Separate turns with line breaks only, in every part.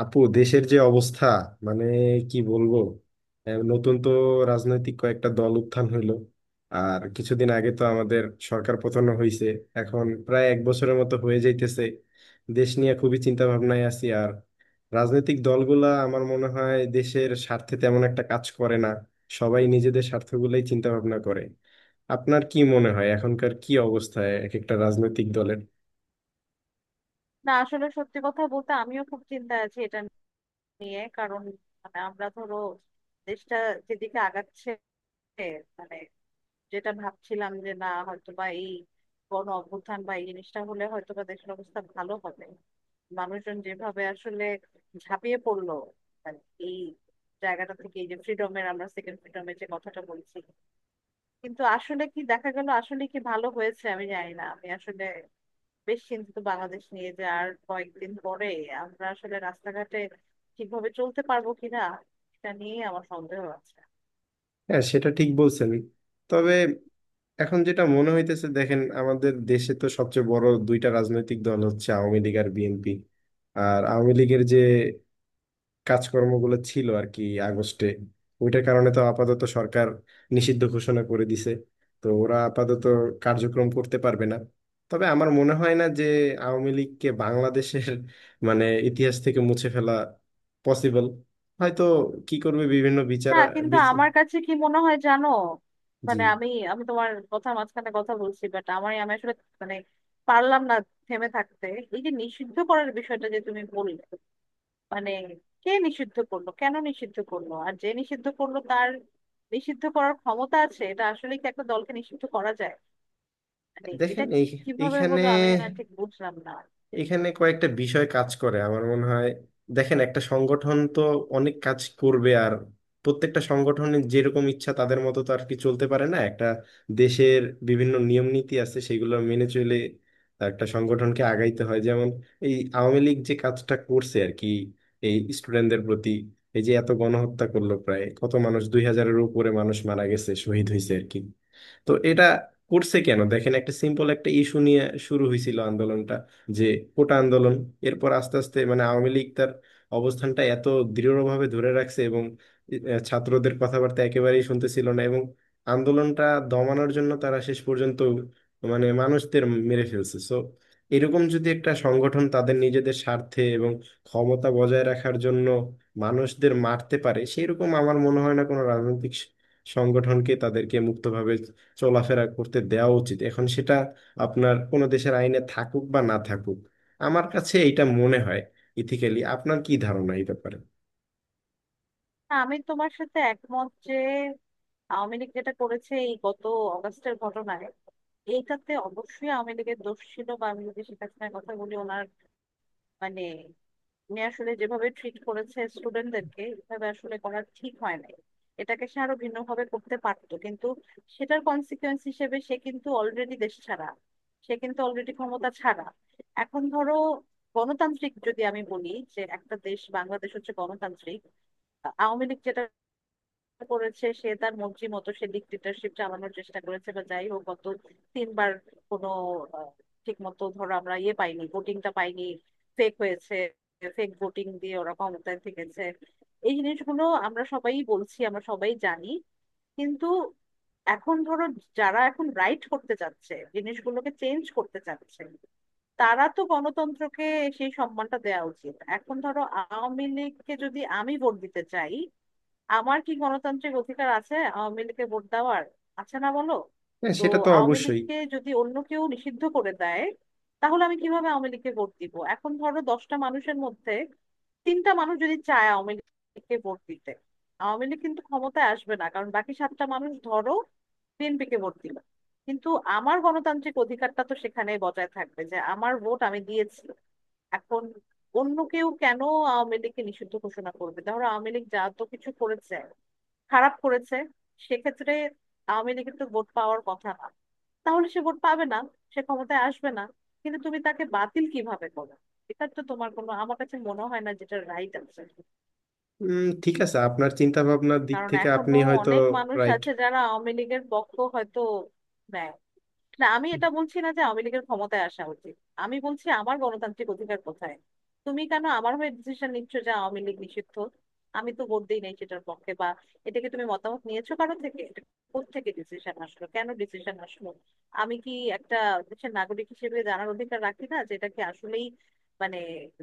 আপু, দেশের যে অবস্থা, মানে কি বলবো। নতুন তো রাজনৈতিক কয়েকটা দল উত্থান হইলো। আর কিছুদিন আগে তো আমাদের সরকার পতন হয়েছে, এখন প্রায় এক বছরের মতো হয়ে যাইতেছে। দেশ নিয়ে খুবই চিন্তা ভাবনায় আছি, আর রাজনৈতিক দলগুলা আমার মনে হয় দেশের স্বার্থে তেমন একটা কাজ করে না, সবাই নিজেদের স্বার্থগুলোই চিন্তা ভাবনা করে। আপনার কি মনে হয় এখনকার কি অবস্থায় এক একটা রাজনৈতিক দলের?
না, আসলে সত্যি কথা বলতে আমিও খুব চিন্তায় আছি এটা নিয়ে। কারণ মানে আমরা ধরো দেশটা যেদিকে আগাচ্ছে, মানে যেটা ভাবছিলাম যে না হয়তো বা এই গণ অভ্যুত্থান বা এই জিনিসটা হলে হয়তো বা দেশের অবস্থা ভালো হবে, মানুষজন যেভাবে আসলে ঝাঁপিয়ে পড়লো, মানে এই জায়গাটা থেকে এই যে ফ্রিডমের, আমরা সেকেন্ড ফ্রিডমের যে কথাটা বলছি, কিন্তু আসলে কি দেখা গেল, আসলে কি ভালো হয়েছে আমি জানি না। আমি আসলে বেশ চিন্তিত বাংলাদেশ নিয়ে যে আর কয়েকদিন পরে আমরা আসলে রাস্তাঘাটে ঠিকভাবে চলতে পারবো কিনা, এটা নিয়ে আমার সন্দেহ আছে।
হ্যাঁ, সেটা ঠিক বলছেন। তবে এখন যেটা মনে হইতেছে, দেখেন আমাদের দেশে তো সবচেয়ে বড় দুইটা রাজনৈতিক দল হচ্ছে আওয়ামী লীগ আর বিএনপি। আর আওয়ামী লীগের যে কাজকর্মগুলো ছিল আর কি, আগস্টে ওইটার কারণে তো আপাতত সরকার নিষিদ্ধ ঘোষণা করে দিছে। তো ওরা আপাতত কার্যক্রম করতে পারবে না। তবে আমার মনে হয় না যে আওয়ামী লীগকে বাংলাদেশের মানে ইতিহাস থেকে মুছে ফেলা পসিবল। হয়তো কি করবে বিভিন্ন বিচার।
না কিন্তু
বিচ-
আমার কাছে কি মনে হয় জানো,
জি।
মানে আমি আমি তোমার কথা মাঝখানে কথা বলছি, বাট আমার, আমি আসলে মানে পারলাম না থেমে থাকতে। এই যে নিষিদ্ধ করার বিষয়টা যে তুমি বললে, মানে কে নিষিদ্ধ করলো, কেন নিষিদ্ধ করলো, আর যে নিষিদ্ধ করলো তার নিষিদ্ধ করার ক্ষমতা আছে, এটা আসলে কি একটা দলকে নিষিদ্ধ করা যায়? মানে
দেখেন
এটা
এই
কিভাবে
এইখানে
হলো আমি না ঠিক বুঝলাম না।
এখানে কয়েকটা বিষয় কাজ করে আমার মনে হয়। দেখেন একটা সংগঠন তো অনেক কাজ করবে, আর প্রত্যেকটা সংগঠনের যেরকম ইচ্ছা তাদের মতো তো আর কি চলতে পারে না। একটা দেশের বিভিন্ন নিয়ম নীতি আছে, সেগুলো মেনে চলে একটা সংগঠনকে আগাইতে হয়। যেমন এই আওয়ামী লীগ যে কাজটা করছে আর কি, এই স্টুডেন্টদের প্রতি এই যে এত গণহত্যা করলো, প্রায় কত মানুষ, 2,000-এর উপরে মানুষ মারা গেছে, শহীদ হয়েছে আর কি। তো এটা করছে কেন? দেখেন একটা সিম্পল একটা ইস্যু নিয়ে শুরু হয়েছিল আন্দোলনটা, যে কোটা আন্দোলন। এরপর আস্তে আস্তে মানে আওয়ামী লীগ তার অবস্থানটা এত দৃঢ়ভাবে ধরে রাখছে, এবং ছাত্রদের কথাবার্তা একেবারেই শুনতেছিল না, এবং আন্দোলনটা দমানোর জন্য তারা শেষ পর্যন্ত মানে মানুষদের মেরে ফেলছে। সো এরকম যদি একটা সংগঠন তাদের নিজেদের স্বার্থে এবং ক্ষমতা বজায় রাখার জন্য মানুষদের মারতে পারে, সেরকম আমার মনে হয় না কোনো রাজনৈতিক সংগঠনকে তাদেরকে মুক্তভাবে চলাফেরা করতে দেওয়া উচিত। এখন সেটা আপনার কোনো দেশের আইনে থাকুক বা না থাকুক, আমার কাছে এটা মনে হয় ইথিক্যালি। আপনার কি ধারণা এই ব্যাপারে?
না, আমি তোমার সাথে একমত যে আওয়ামী লীগ যেটা করেছে এই গত অগাস্টের ঘটনায়, এইটাতে অবশ্যই আওয়ামী লীগের দোষ ছিল। বা আমি যদি শেখ হাসিনার কথা বলি, ওনার মানে উনি আসলে যেভাবে ট্রিট করেছে স্টুডেন্টদেরকে, এভাবে আসলে করা ঠিক হয় নাই। এটাকে সে আরো ভিন্নভাবে করতে পারতো, কিন্তু সেটার কনসিকোয়েন্স হিসেবে সে কিন্তু অলরেডি দেশ ছাড়া, সে কিন্তু অলরেডি ক্ষমতা ছাড়া। এখন ধরো গণতান্ত্রিক যদি আমি বলি যে একটা দেশ বাংলাদেশ হচ্ছে গণতান্ত্রিক, আওয়ামী লীগ যেটা করেছে, সে তার মর্জি মতো সে ডিক্টেটরশিপ চালানোর চেষ্টা করেছে, বা যাই হোক গত তিনবার কোনো ঠিক মতো ধরো আমরা পাইনি, ভোটিংটা পাইনি, ফেক হয়েছে, ফেক ভোটিং দিয়ে ওরা ক্ষমতায় থেকেছে। এই জিনিসগুলো আমরা সবাই বলছি, আমরা সবাই জানি। কিন্তু এখন ধরো যারা এখন রাইট করতে চাচ্ছে, জিনিসগুলোকে চেঞ্জ করতে চাচ্ছে, তারা তো গণতন্ত্রকে সেই সম্মানটা দেওয়া উচিত। এখন ধরো আওয়ামী লীগকে যদি আমি ভোট দিতে চাই, আমার কি গণতান্ত্রিক অধিকার আছে আওয়ামী লীগকে ভোট দেওয়ার? আছে না বলো?
হ্যাঁ,
তো
সেটা তো
আওয়ামী
অবশ্যই।
লীগকে যদি অন্য কেউ নিষিদ্ধ করে দেয়, তাহলে আমি কিভাবে আওয়ামী লীগকে ভোট দিব? এখন ধরো 10টা মানুষের মধ্যে তিনটা মানুষ যদি চায় আওয়ামী লীগকে ভোট দিতে, আওয়ামী লীগ কিন্তু ক্ষমতায় আসবে না, কারণ বাকি সাতটা মানুষ ধরো বিএনপি কে ভোট দিল। কিন্তু আমার গণতান্ত্রিক অধিকারটা তো সেখানে বজায় থাকবে যে আমার ভোট আমি দিয়েছি। এখন অন্য কেউ কেন আওয়ামী লীগকে নিষিদ্ধ ঘোষণা করবে? ধরো আওয়ামী লীগ যা তো কিছু করেছে, খারাপ করেছে, সেক্ষেত্রে আওয়ামী লীগের তো ভোট পাওয়ার কথা না, তাহলে সে ভোট পাবে না, সে ক্ষমতায় আসবে না। কিন্তু তুমি তাকে বাতিল কিভাবে করো? এটার তো তোমার কোনো, আমার কাছে মনে হয় না যেটা রাইট আছে।
ঠিক আছে, আপনার চিন্তা ভাবনার দিক
কারণ
থেকে আপনি
এখনো
হয়তো
অনেক মানুষ
রাইট।
আছে যারা আওয়ামী লীগের পক্ষ হয়তো নেয়। না আমি এটা বলছি না যে আওয়ামী লীগের ক্ষমতায় আসা উচিত, আমি বলছি আমার গণতান্ত্রিক অধিকার কোথায়। তুমি কেন আমার হয়ে ডিসিশন নিচ্ছ যে আওয়ামী লীগ নিষিদ্ধ? আমি তো ভোট দিই নাই সেটার পক্ষে বা, এটাকে তুমি মতামত নিয়েছো কারো থেকে? এটা কোত্থেকে ডিসিশন আসলো, কেন ডিসিশন আসলো? আমি কি একটা দেশের নাগরিক হিসেবে জানার অধিকার রাখি না যে এটা কি আসলেই মানে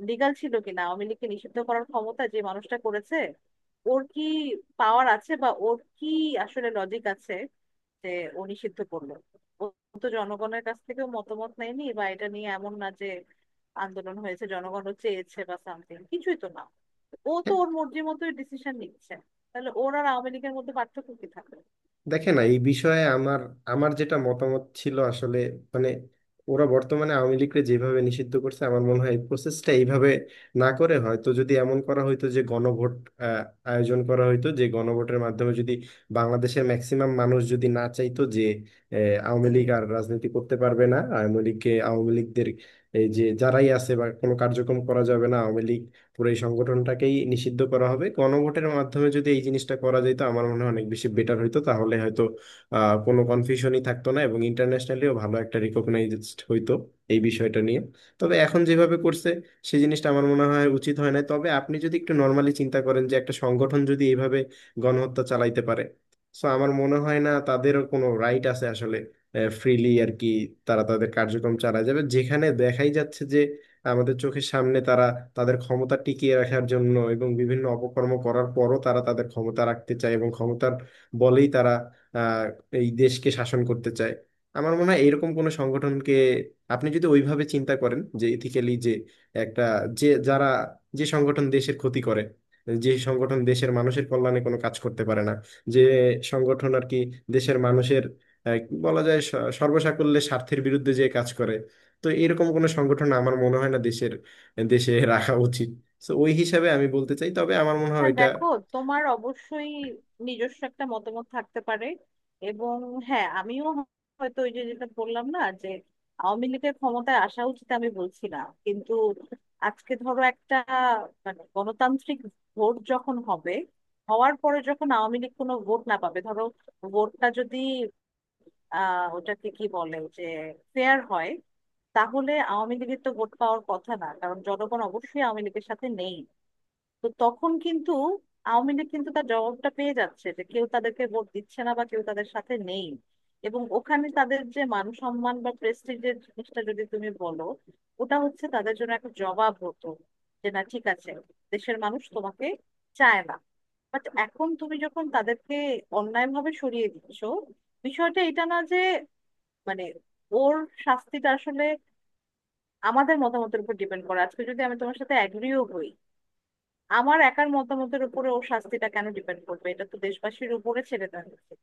লিগাল ছিল কিনা? আওয়ামী লীগকে নিষিদ্ধ করার ক্ষমতা যে মানুষটা করেছে, ওর কি পাওয়ার আছে, বা ওর কি আসলে লজিক আছে যে ও নিষিদ্ধ করলো? ও তো জনগণের কাছ থেকেও মতামত নেয়নি, বা এটা নিয়ে এমন না যে আন্দোলন হয়েছে, জনগণও চেয়েছে বা সামথিং, কিছুই তো না। ও তো ওর মর্জি মতোই ডিসিশন নিচ্ছে। তাহলে ওর আর আওয়ামী লীগের মধ্যে পার্থক্য কি থাকবে?
দেখেন এই বিষয়ে আমার আমার যেটা মতামত ছিল আসলে, মানে ওরা বর্তমানে আওয়ামী লীগকে যেভাবে নিষিদ্ধ করছে, আমার মনে হয় এই প্রসেসটা এইভাবে না করে হয়তো যদি এমন করা হইতো যে গণভোট আহ, আয়োজন করা হইতো, যে গণভোটের মাধ্যমে যদি বাংলাদেশের ম্যাক্সিমাম মানুষ যদি না চাইতো যে আহ, আওয়ামী লীগ আর রাজনীতি করতে পারবে না, আওয়ামী লীগকে আওয়ামী লীগদের এই যে যারাই আছে বা কোনো কার্যক্রম করা যাবে না, আওয়ামী লীগ পুরো এই সংগঠনটাকেই নিষিদ্ধ করা হবে, গণভোটের মাধ্যমে যদি এই জিনিসটা করা যেত আমার মনে হয় অনেক বেশি বেটার হইতো। তাহলে হয়তো কোনো কনফিউশনই থাকতো না, এবং ইন্টারন্যাশনালিও ভালো একটা রিকগনাইজড হইতো এই বিষয়টা নিয়ে। তবে এখন যেভাবে করছে সেই জিনিসটা আমার মনে হয় উচিত হয় না। তবে আপনি যদি একটু নর্মালি চিন্তা করেন যে একটা সংগঠন যদি এইভাবে গণহত্যা চালাইতে পারে, সো আমার মনে হয় না তাদেরও কোনো রাইট আছে আসলে ফ্রিলি আর কি তারা তাদের কার্যক্রম চালায় যাবে, যেখানে দেখাই যাচ্ছে যে আমাদের চোখের সামনে তারা তাদের ক্ষমতা টিকিয়ে রাখার জন্য এবং বিভিন্ন অপকর্ম করার পরও তারা তাদের ক্ষমতা রাখতে চায়, এবং ক্ষমতার বলেই তারা আহ এই দেশকে শাসন করতে চায়। আমার মনে হয় এরকম কোনো সংগঠনকে, আপনি যদি ওইভাবে চিন্তা করেন যে ইথিক্যালি, যে একটা, যে যারা, যে সংগঠন দেশের ক্ষতি করে, যে সংগঠন দেশের মানুষের কল্যাণে কোনো কাজ করতে পারে না, যে সংগঠন আর কি দেশের মানুষের আহ, বলা যায় সর্বসাকুল্যে স্বার্থের বিরুদ্ধে যে কাজ করে, তো এরকম কোনো সংগঠন আমার মনে হয় না দেশের দেশে রাখা উচিত। তো ওই হিসাবে আমি বলতে চাই, তবে আমার মনে হয়
না
এটা।
দেখো, তোমার অবশ্যই নিজস্ব একটা মতামত থাকতে পারে এবং হ্যাঁ, আমিও হয়তো, ওই যে যেটা বললাম না যে আওয়ামী লীগের ক্ষমতায় আসা উচিত আমি বলছি না, কিন্তু আজকে ধরো একটা মানে গণতান্ত্রিক ভোট যখন হবে, হওয়ার পরে যখন আওয়ামী লীগ কোনো ভোট না পাবে ধরো, ভোটটা যদি ওটাকে কি বলে যে ফেয়ার হয়, তাহলে আওয়ামী লীগের তো ভোট পাওয়ার কথা না, কারণ জনগণ অবশ্যই আওয়ামী লীগের সাথে নেই। তো তখন কিন্তু আওয়ামী লীগ কিন্তু তার জবাবটা পেয়ে যাচ্ছে যে কেউ তাদেরকে ভোট দিচ্ছে না বা কেউ তাদের সাথে নেই। এবং ওখানে তাদের যে মান সম্মান বা প্রেস্টিজের জিনিসটা যদি তুমি বলো, ওটা হচ্ছে তাদের জন্য একটা জবাব হতো যে না ঠিক আছে, দেশের মানুষ তোমাকে চায় না। বাট এখন তুমি যখন তাদেরকে অন্যায়ভাবে সরিয়ে দিচ্ছ, বিষয়টা এটা না যে, মানে ওর শাস্তিটা আসলে আমাদের মতামতের উপর ডিপেন্ড করে। আজকে যদি আমি তোমার সাথে অ্যাগ্রিও হই, আমার একার মতামতের উপরে ওর শাস্তিটা কেন ডিপেন্ড করবে? এটা তো দেশবাসীর উপরে ছেড়ে দেওয়া উচিত।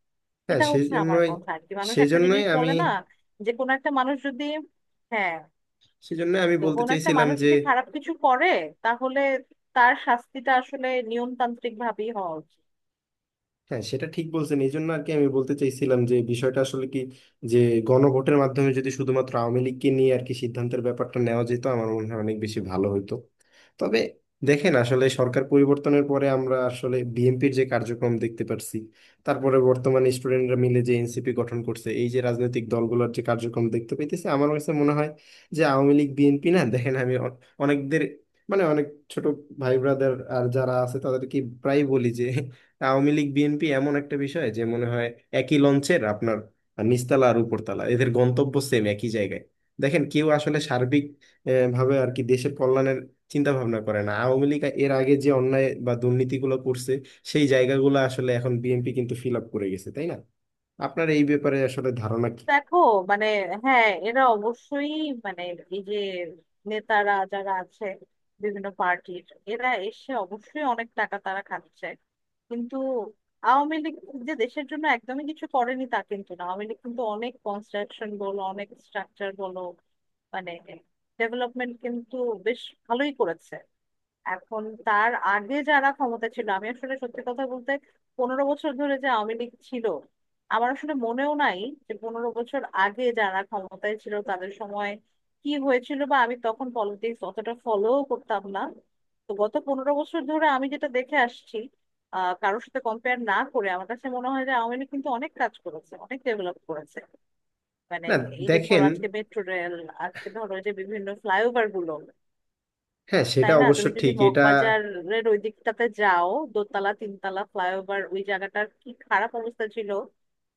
হ্যাঁ,
এটা হচ্ছে আমার
সেজন্যই।
কথা আর কি। মানুষ একটা
সেজন্যই
জিনিস
আমি
বলে না যে কোনো একটা মানুষ যদি হ্যাঁ,
সেজন্যই আমি
তো
বলতে
কোনো একটা
চাইছিলাম
মানুষ
যে,
যদি খারাপ কিছু করে, তাহলে তার শাস্তিটা আসলে নিয়মতান্ত্রিক ভাবেই হওয়া উচিত।
হ্যাঁ সেটা ঠিক বলছেন, এই জন্য আর কি আমি বলতে চাইছিলাম যে বিষয়টা আসলে কি, যে গণভোটের মাধ্যমে যদি শুধুমাত্র আওয়ামী লীগকে নিয়ে আর কি সিদ্ধান্তের ব্যাপারটা নেওয়া যেত, আমার মনে হয় অনেক বেশি ভালো হতো। তবে দেখেন আসলে সরকার পরিবর্তনের পরে আমরা আসলে বিএনপির যে কার্যক্রম দেখতে পারছি, তারপরে বর্তমানে স্টুডেন্টরা মিলে যে এনসিপি গঠন করছে, এই যে রাজনৈতিক দলগুলোর যে কার্যক্রম দেখতে পাইতেছি, আমার কাছে মনে হয় যে আওয়ামী লীগ বিএনপি না। দেখেন আমি অনেকদের অনেক ছোট ভাই ব্রাদার আর যারা আছে তাদেরকে প্রায় বলি যে আওয়ামী লীগ বিএনপি এমন একটা বিষয় যে মনে হয় একই লঞ্চের আপনার নিচতলা আর উপরতলা, এদের গন্তব্য সেম একই জায়গায়। দেখেন কেউ আসলে সার্বিক ভাবে আর কি দেশের কল্যাণের চিন্তা ভাবনা করে না। আওয়ামী লীগ এর আগে যে অন্যায় বা দুর্নীতিগুলো করছে, সেই জায়গাগুলো আসলে এখন বিএনপি কিন্তু ফিল আপ করে গেছে, তাই না? আপনার এই ব্যাপারে আসলে ধারণা কি?
দেখো মানে হ্যাঁ এরা অবশ্যই, মানে এই যে নেতারা যারা আছে বিভিন্ন পার্টির, এরা এসে অবশ্যই অনেক টাকা তারা খাচ্ছে। কিন্তু আওয়ামী লীগ যে দেশের জন্য একদমই কিছু করেনি তা কিন্তু না, আওয়ামী লীগ কিন্তু অনেক কনস্ট্রাকশন বলো, অনেক স্ট্রাকচার বলো, মানে ডেভেলপমেন্ট কিন্তু বেশ ভালোই করেছে। এখন তার আগে যারা ক্ষমতা ছিল, আমি আসলে সত্যি কথা বলতে 15 বছর ধরে যে আওয়ামী লীগ ছিল, আমার আসলে মনেও নাই যে 15 বছর আগে যারা ক্ষমতায় ছিল তাদের সময় কি হয়েছিল, বা আমি তখন পলিটিক্স অতটা ফলো করতাম না। তো গত 15 বছর ধরে আমি যেটা দেখে আসছি, কারোর সাথে কম্পেয়ার না করে আমার কাছে মনে হয় যে আওয়ামী লীগ কিন্তু অনেক কাজ করেছে, অনেক ডেভেলপ করেছে। মানে
না
এই যে ধরো
দেখেন,
আজকে মেট্রো রেল, আজকে ধরো এই যে বিভিন্ন ফ্লাইওভার গুলো,
হ্যাঁ সেটা
তাই না?
অবশ্য
তুমি যদি
ঠিক, এটা
মগবাজারের ওই দিকটাতে যাও, দোতলা তিনতলা ফ্লাইওভার, ওই জায়গাটার কি খারাপ অবস্থা ছিল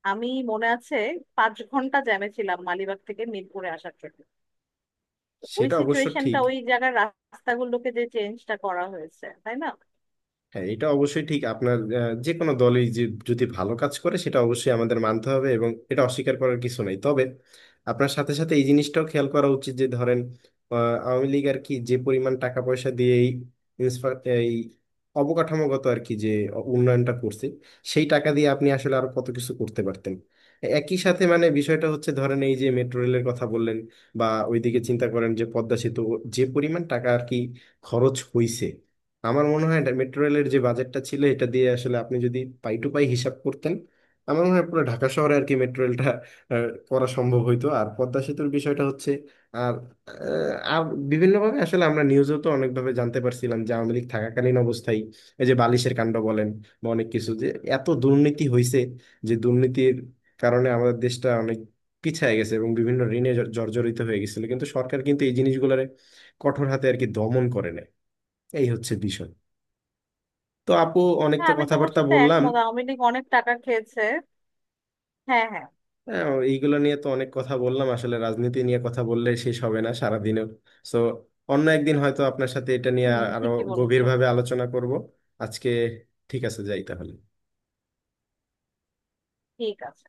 আমি মনে আছে। 5 ঘন্টা জ্যামে ছিলাম মালিবাগ থেকে মিরপুরে আসার জন্য। তো ওই
সেটা অবশ্য
সিচুয়েশনটা,
ঠিক।
ওই জায়গার রাস্তাগুলোকে যে চেঞ্জটা করা হয়েছে, তাই না?
হ্যাঁ এটা অবশ্যই ঠিক। আপনার যে কোনো দলই যে যদি ভালো কাজ করে সেটা অবশ্যই আমাদের মানতে হবে, এবং এটা অস্বীকার করার কিছু নেই। তবে আপনার সাথে সাথে এই জিনিসটাও খেয়াল করা উচিত যে ধরেন আহ, আওয়ামী লীগ আর কি যে পরিমাণ টাকা পয়সা দিয়ে এই এই অবকাঠামোগত আর কি যে উন্নয়নটা করছে, সেই টাকা দিয়ে আপনি আসলে আরো কত কিছু করতে পারতেন। একই সাথে মানে বিষয়টা হচ্ছে ধরেন এই যে মেট্রো রেলের কথা বললেন, বা ওইদিকে চিন্তা করেন যে পদ্মা সেতু যে পরিমাণ টাকা আর কি খরচ হইছে। আমার মনে হয় এটা মেট্রো রেলের যে বাজেটটা ছিল এটা দিয়ে আসলে আপনি যদি পাই টু পাই হিসাব করতেন, আমার মনে হয় পুরো ঢাকা শহরে আর কি মেট্রো রেলটা করা সম্ভব হইতো। আর পদ্মা সেতুর বিষয়টা হচ্ছে, আর আর বিভিন্নভাবে আসলে আমরা নিউজেও তো অনেকভাবে জানতে পারছিলাম যে আওয়ামী লীগ থাকাকালীন অবস্থায় এই যে বালিশের কাণ্ড বলেন বা অনেক কিছু, যে এত দুর্নীতি হয়েছে, যে দুর্নীতির কারণে আমাদের দেশটা অনেক পিছিয়ে গেছে এবং বিভিন্ন ঋণে জর্জরিত হয়ে গেছিল, কিন্তু সরকার কিন্তু এই জিনিসগুলোরে কঠোর হাতে আর কি দমন করে নেয়। এই হচ্ছে বিষয়। তো আপু, অনেক
হ্যাঁ
তো
আমি তোমার
কথাবার্তা
সাথে
বললাম।
একমত, আওয়ামী লীগ অনেক টাকা খেয়েছে। হ্যাঁ, হ্যাঁ।
হ্যাঁ, এইগুলো নিয়ে তো অনেক কথা বললাম। আসলে রাজনীতি নিয়ে কথা বললে শেষ হবে না সারাদিনেও। সো অন্য একদিন হয়তো আপনার সাথে এটা নিয়ে
হুম,
আরো
ঠিকই বলেছো।
গভীরভাবে আলোচনা করব। আজকে ঠিক আছে, যাই তাহলে।
ঠিক আছে।